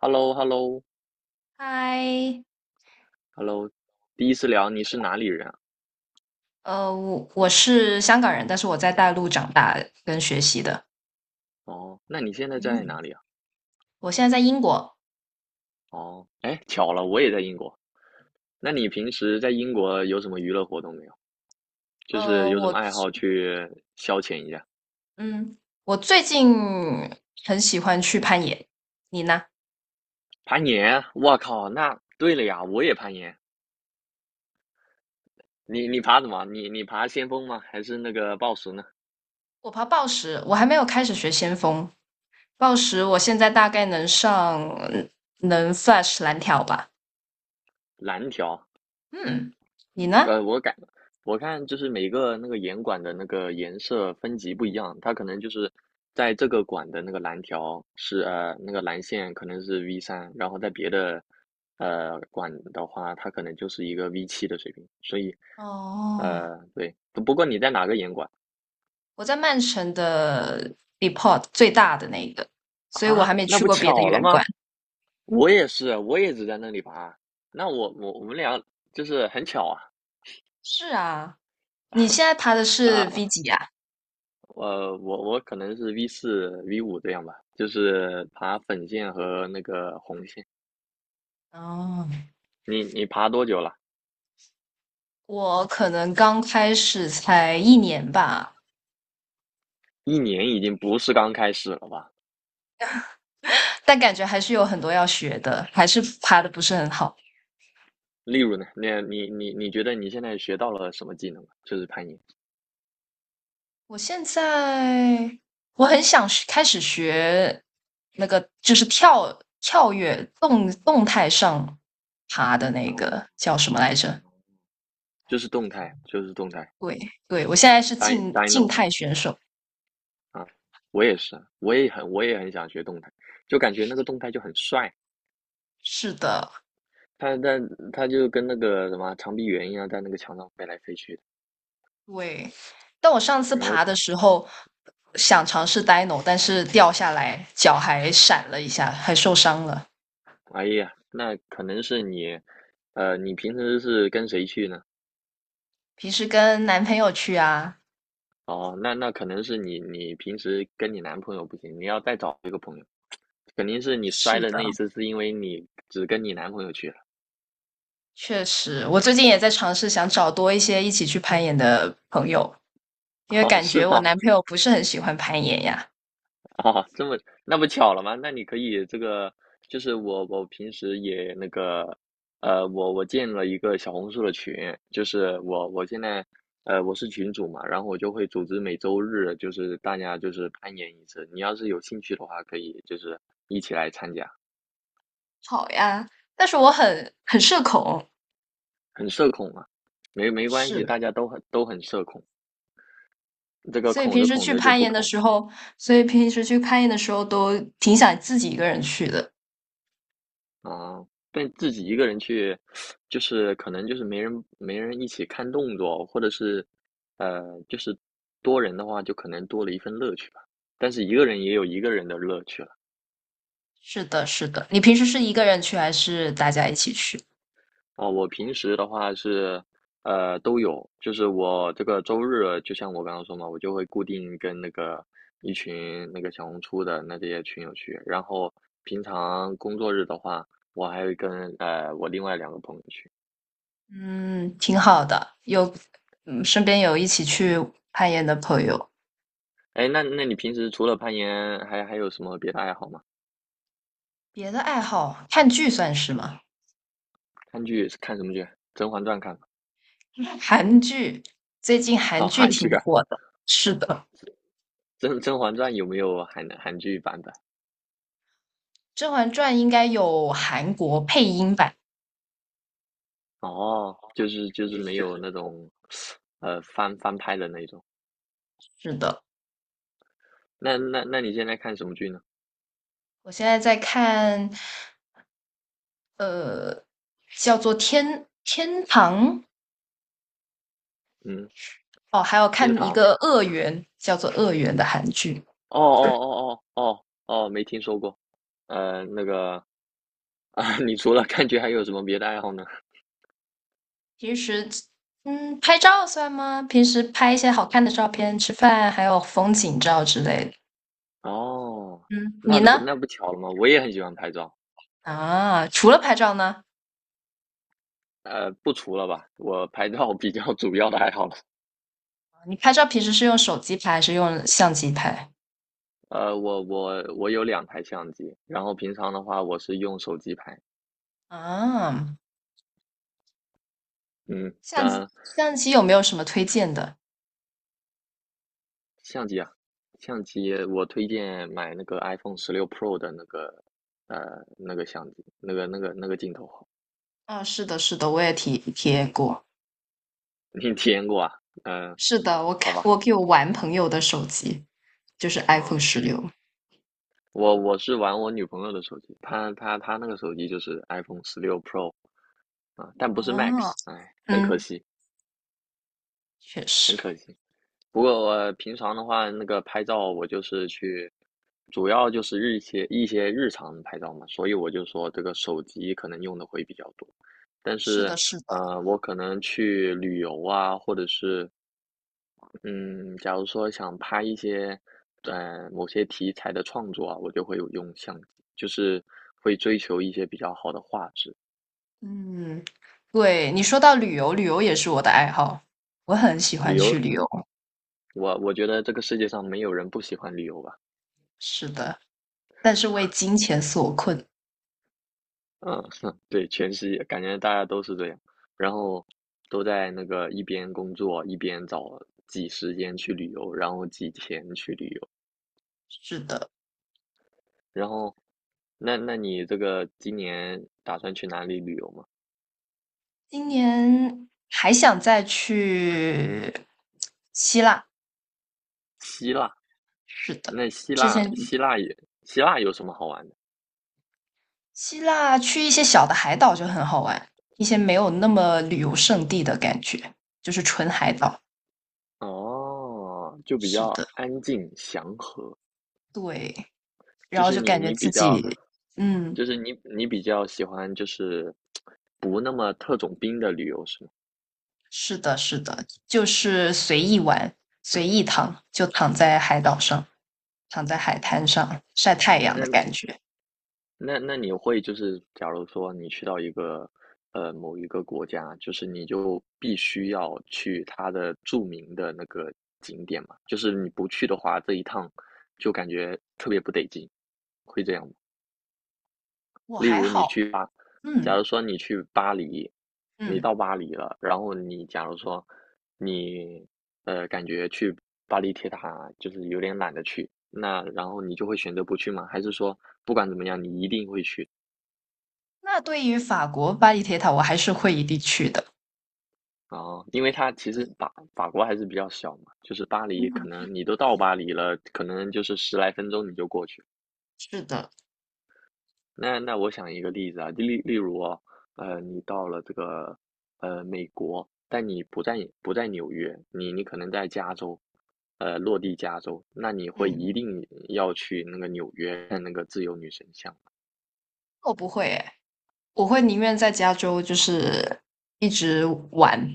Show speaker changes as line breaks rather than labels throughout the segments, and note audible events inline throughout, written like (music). h e l l o h e l l o
嗨，
h e l l o 第一次聊你是哪里人啊？
我是香港人，但是我在大陆长大跟学习的。
哦，那你现在在
嗯，
哪里啊？
我现在在英国。
哦，哎，巧了，我也在英国。那你平时在英国有什么娱乐活动没有？就是
呃，
有什
我
么爱好
最
去消遣一下？
嗯，我最近很喜欢去攀岩。你呢？
攀岩？我靠，那对了呀，我也攀岩。你爬什么？你爬先锋吗？还是那个抱石呢？
我爬抱石，我还没有开始学先锋。抱石，我现在大概能上能 Flash 蓝条吧。
蓝条？
嗯，你呢？
我改了，我看就是每个那个严管的那个颜色分级不一样，它可能就是在这个管的那个蓝条是那个蓝线可能是 V3，然后在别的管的话，它可能就是一个 V7的水平，所以
哦，
对，不过你在哪个严管
我在曼城的 Depot 最大的那个，所以我
啊？
还没
那
去
不
过别的
巧了
园馆。
吗？我也是，我也只在那里爬，那我们俩就是很巧啊，
是啊。你现在爬的是 V 几呀？
我可能是 V4 V5这样吧，就是爬粉线和那个红线。
哦，
你爬多久了？
我可能刚开始才一年吧，
1年已经不是刚开始了吧？
但感觉还是有很多要学的，还是爬的不是很好。
例如呢，那你觉得你现在学到了什么技能？就是攀岩，
我现在我很想学开始学那个，就是跳跃动态上爬的那
嗯，
个叫什么来着？
就是动态，就是动态
对，对，我现在是
d y
静
d n o
静态选手。
啊，我也是啊，我也很想学动态，就感觉那个动态就很帅，
是的，
他它他就跟那个什么长臂猿一样，在那个墙上飞来飞去的，
对，但我上次
然后
爬的时候想尝试 Dino,但是掉下来脚还闪了一下，还受伤了。
哎呀，那可能是你，你平时是跟谁去呢？
平时跟男朋友去啊。
哦，那可能是你，你平时跟你男朋友不行，你要再找一个朋友，肯定是你摔
是
的
的，
那一次是因为你只跟你男朋友去了。
确实，我最近也在尝试想找多一些一起去攀岩的朋友，因
(laughs)
为
哦，
感
是
觉我
吗？
男朋友不是很喜欢攀岩呀。
(laughs) 哦，这么那不巧了吗？那你可以这个，就是我平时也那个，我建了一个小红书的群，就是我现在我是群主嘛，然后我就会组织每周日就是大家就是攀岩一次，你要是有兴趣的话，可以就是一起来参加，
好呀，但是我很社恐。
很社恐啊，没关系，
是，
大家都很社恐，这个
所以
恐
平
着
时
恐
去
着就
攀
不
岩的
恐
时候，所以平时去攀岩的时候都挺想自己一个人去的。
啊，但自己一个人去，就是可能就是没人一起看动作，或者是，就是多人的话，就可能多了一份乐趣吧。但是一个人也有一个人的乐趣了。
是的，是的。你平时是一个人去还是大家一起去？
哦，我平时的话是，都有，就是我这个周日，就像我刚刚说嘛，我就会固定跟那个一群那个小红书的那这些群友去，然后平常工作日的话，我还会跟我另外两个朋友去。
嗯，挺好的，有，嗯，身边有一起去攀岩的朋友。
哎，那你平时除了攀岩，还有什么别的爱好吗？
别的爱好，看剧算是吗？
看剧是看什么剧？《甄嬛传》看吗？
(laughs) 韩剧，最近
(laughs)
韩
好，
剧
韩
挺
剧啊，
火的。是的，
《甄嬛传》有没有韩剧版本？
《甄嬛传》应该有韩国配音版。
哦，就是没有那种，翻拍的那种。
是的，
那你现在看什么剧呢？
我现在在看叫做天《天堂》。
嗯，
哦，还有
《天
看一
堂》。
个《恶缘》，叫做《恶缘》的韩剧。
哦哦哦哦哦哦，没听说过。呃，那个，(laughs) 你除了看剧还有什么别的爱好呢？
平时拍照算吗？平时拍一些好看的照片，吃饭，还有风景照之类的。
哦，
嗯，你呢？
那不巧了吗？我也很喜欢拍照。
啊，除了拍照呢？
不除了吧，我拍照比较主要的爱好了。
你拍照平时是用手机拍，还是用相机拍？
我有两台相机，然后平常的话我是用手机拍。
啊，
嗯，
相机
那
相机有没有什么推荐的？
相机啊，相机我推荐买那个 iPhone 十六 Pro 的那个相机，那个镜头好
啊，是的，是的，我也体验过。
(laughs) 你体验过啊？嗯、
是的，我
好
看
吧，
我给我玩朋友的手机，就是
嗯，
iPhone 16。
我是玩我女朋友的手机，她那个手机就是 iPhone 十六 Pro 啊、但不是
啊，
Max，哎，很可
嗯，
惜，
确实，
很可惜。不过我平常的话，那个拍照我就是去，主要就是日一些一些日常的拍照嘛，所以我就说这个手机可能用的会比较多。但
是
是，
的，是的。
我可能去旅游啊，或者是，嗯，假如说想拍一些，某些题材的创作啊，我就会有用相机，就是会追求一些比较好的画质。
嗯，对，你说到旅游，旅游也是我的爱好，我很喜欢
旅
去
游，
旅游。
我觉得这个世界上没有人不喜欢旅游吧。
是的，但是为金钱所困。
嗯，(laughs) 对，全世界感觉大家都是这样，然后都在那个一边工作一边找挤时间去旅游，然后挤钱去旅游。
是的，
然后，那你这个今年打算去哪里旅游吗？
今年还想再去希腊。
希腊，
是的，
那希
之
腊
前
希腊也希腊有什么好玩的？
希腊去一些小的海岛就很好玩，一些没有那么旅游胜地的感觉，就是纯海岛。
哦，就比
是
较
的，
安静祥和，
对，然
就
后
是
就
你
感觉
你
自
比
己，
较，
嗯。
就是你比较喜欢就是不那么特种兵的旅游是吗？
是的，是的，就是随意玩，随意躺，就躺在海岛上，躺在海滩上晒太阳的
那
感觉。
那你会就是，假如说你去到一个某一个国家，就是你就必须要去它的著名的那个景点嘛，就是你不去的话，这一趟就感觉特别不得劲，会这样吗？
我
例
还
如你
好，
去巴，假
嗯
如说你去巴黎，你
嗯。
到巴黎了，然后你假如说你感觉去巴黎铁塔就是有点懒得去，那然后你就会选择不去吗？还是说不管怎么样，你一定会去？
那对于法国巴黎铁塔，我还是会一定去的。
哦，因为它其
对，
实法国还是比较小嘛，就是巴黎，可
嗯，
能你都到巴黎了，可能就是十来分钟你就过去了。
是的，
那我想一个例子啊，例如哦，你到了这个美国，但你不在纽约，你可能在加州，落地加州，那你会
嗯，
一定要去那个纽约看那个自由女神像。
我不会诶，我会宁愿在加州就是一直玩，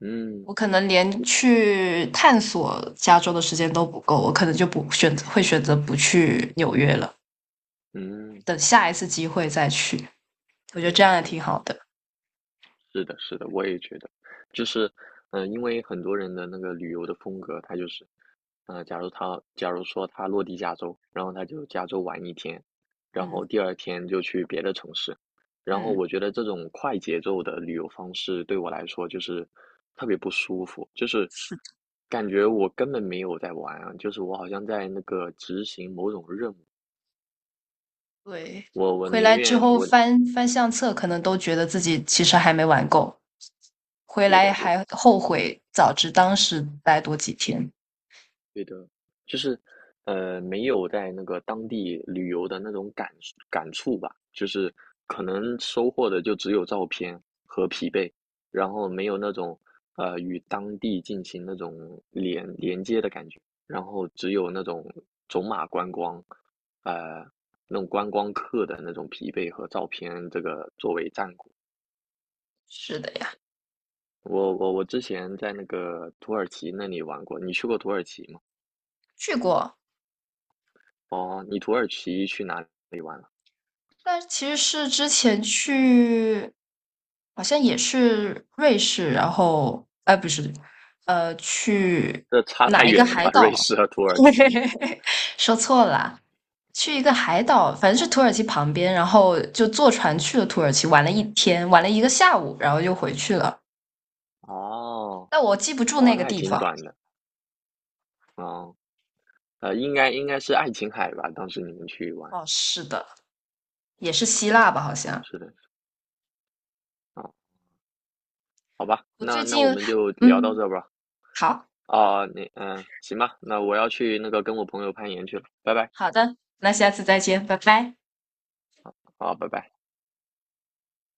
嗯
我可能连去探索加州的时间都不够，我可能就不选择会选择不去纽约了，
嗯
等下一次机会再去。我觉得这
嗯
样也
嗯，
挺好的。
是的，是的，我也觉得，就是，因为很多人的那个旅游的风格，他就是假如他假如说他落地加州，然后他就加州玩一天，然
嗯
后第二天就去别的城市，然后
嗯，
我觉得这种快节奏的旅游方式对我来说就是特别不舒服，就是
是的，
感觉我根本没有在玩啊，就是我好像在那个执行某种任务，
对。
我
回
宁
来之
愿
后
我，
翻翻相册，可能都觉得自己其实还没玩够，回
对
来
的对的。
还后悔，早知当时待多几天。
对的，就是，没有在那个当地旅游的那种感触吧，就是可能收获的就只有照片和疲惫，然后没有那种与当地进行那种连接的感觉，然后只有那种走马观光，呃，那种观光客的那种疲惫和照片，这个作为战果。
是的呀，
我之前在那个土耳其那里玩过，你去过土耳其吗？
去过。
哦，你土耳其去哪里玩了？
但其实是之前去，好像也是瑞士，然后，哎，不是，去
这差太
哪一个
远了
海
吧？瑞
岛？
士和土耳其
(laughs) 说错了，去一个海岛，反正是
啊，
土耳其旁边，然后就坐船去了土耳其，玩了一天，玩了一个下午，然后就回去了。
哦，
但我记不住
哦，
那
那
个
还
地
挺
方。
短的，啊。应该是爱琴海吧？当时你们去玩，
哦，是的，也是希腊吧，好像。
是的，啊，好吧，
我最
那
近，
我们就聊到
嗯，
这吧。
好
啊，行吧，那我要去那个跟我朋友攀岩去了，拜拜，
好的，那下次再见，拜拜。
好，拜拜。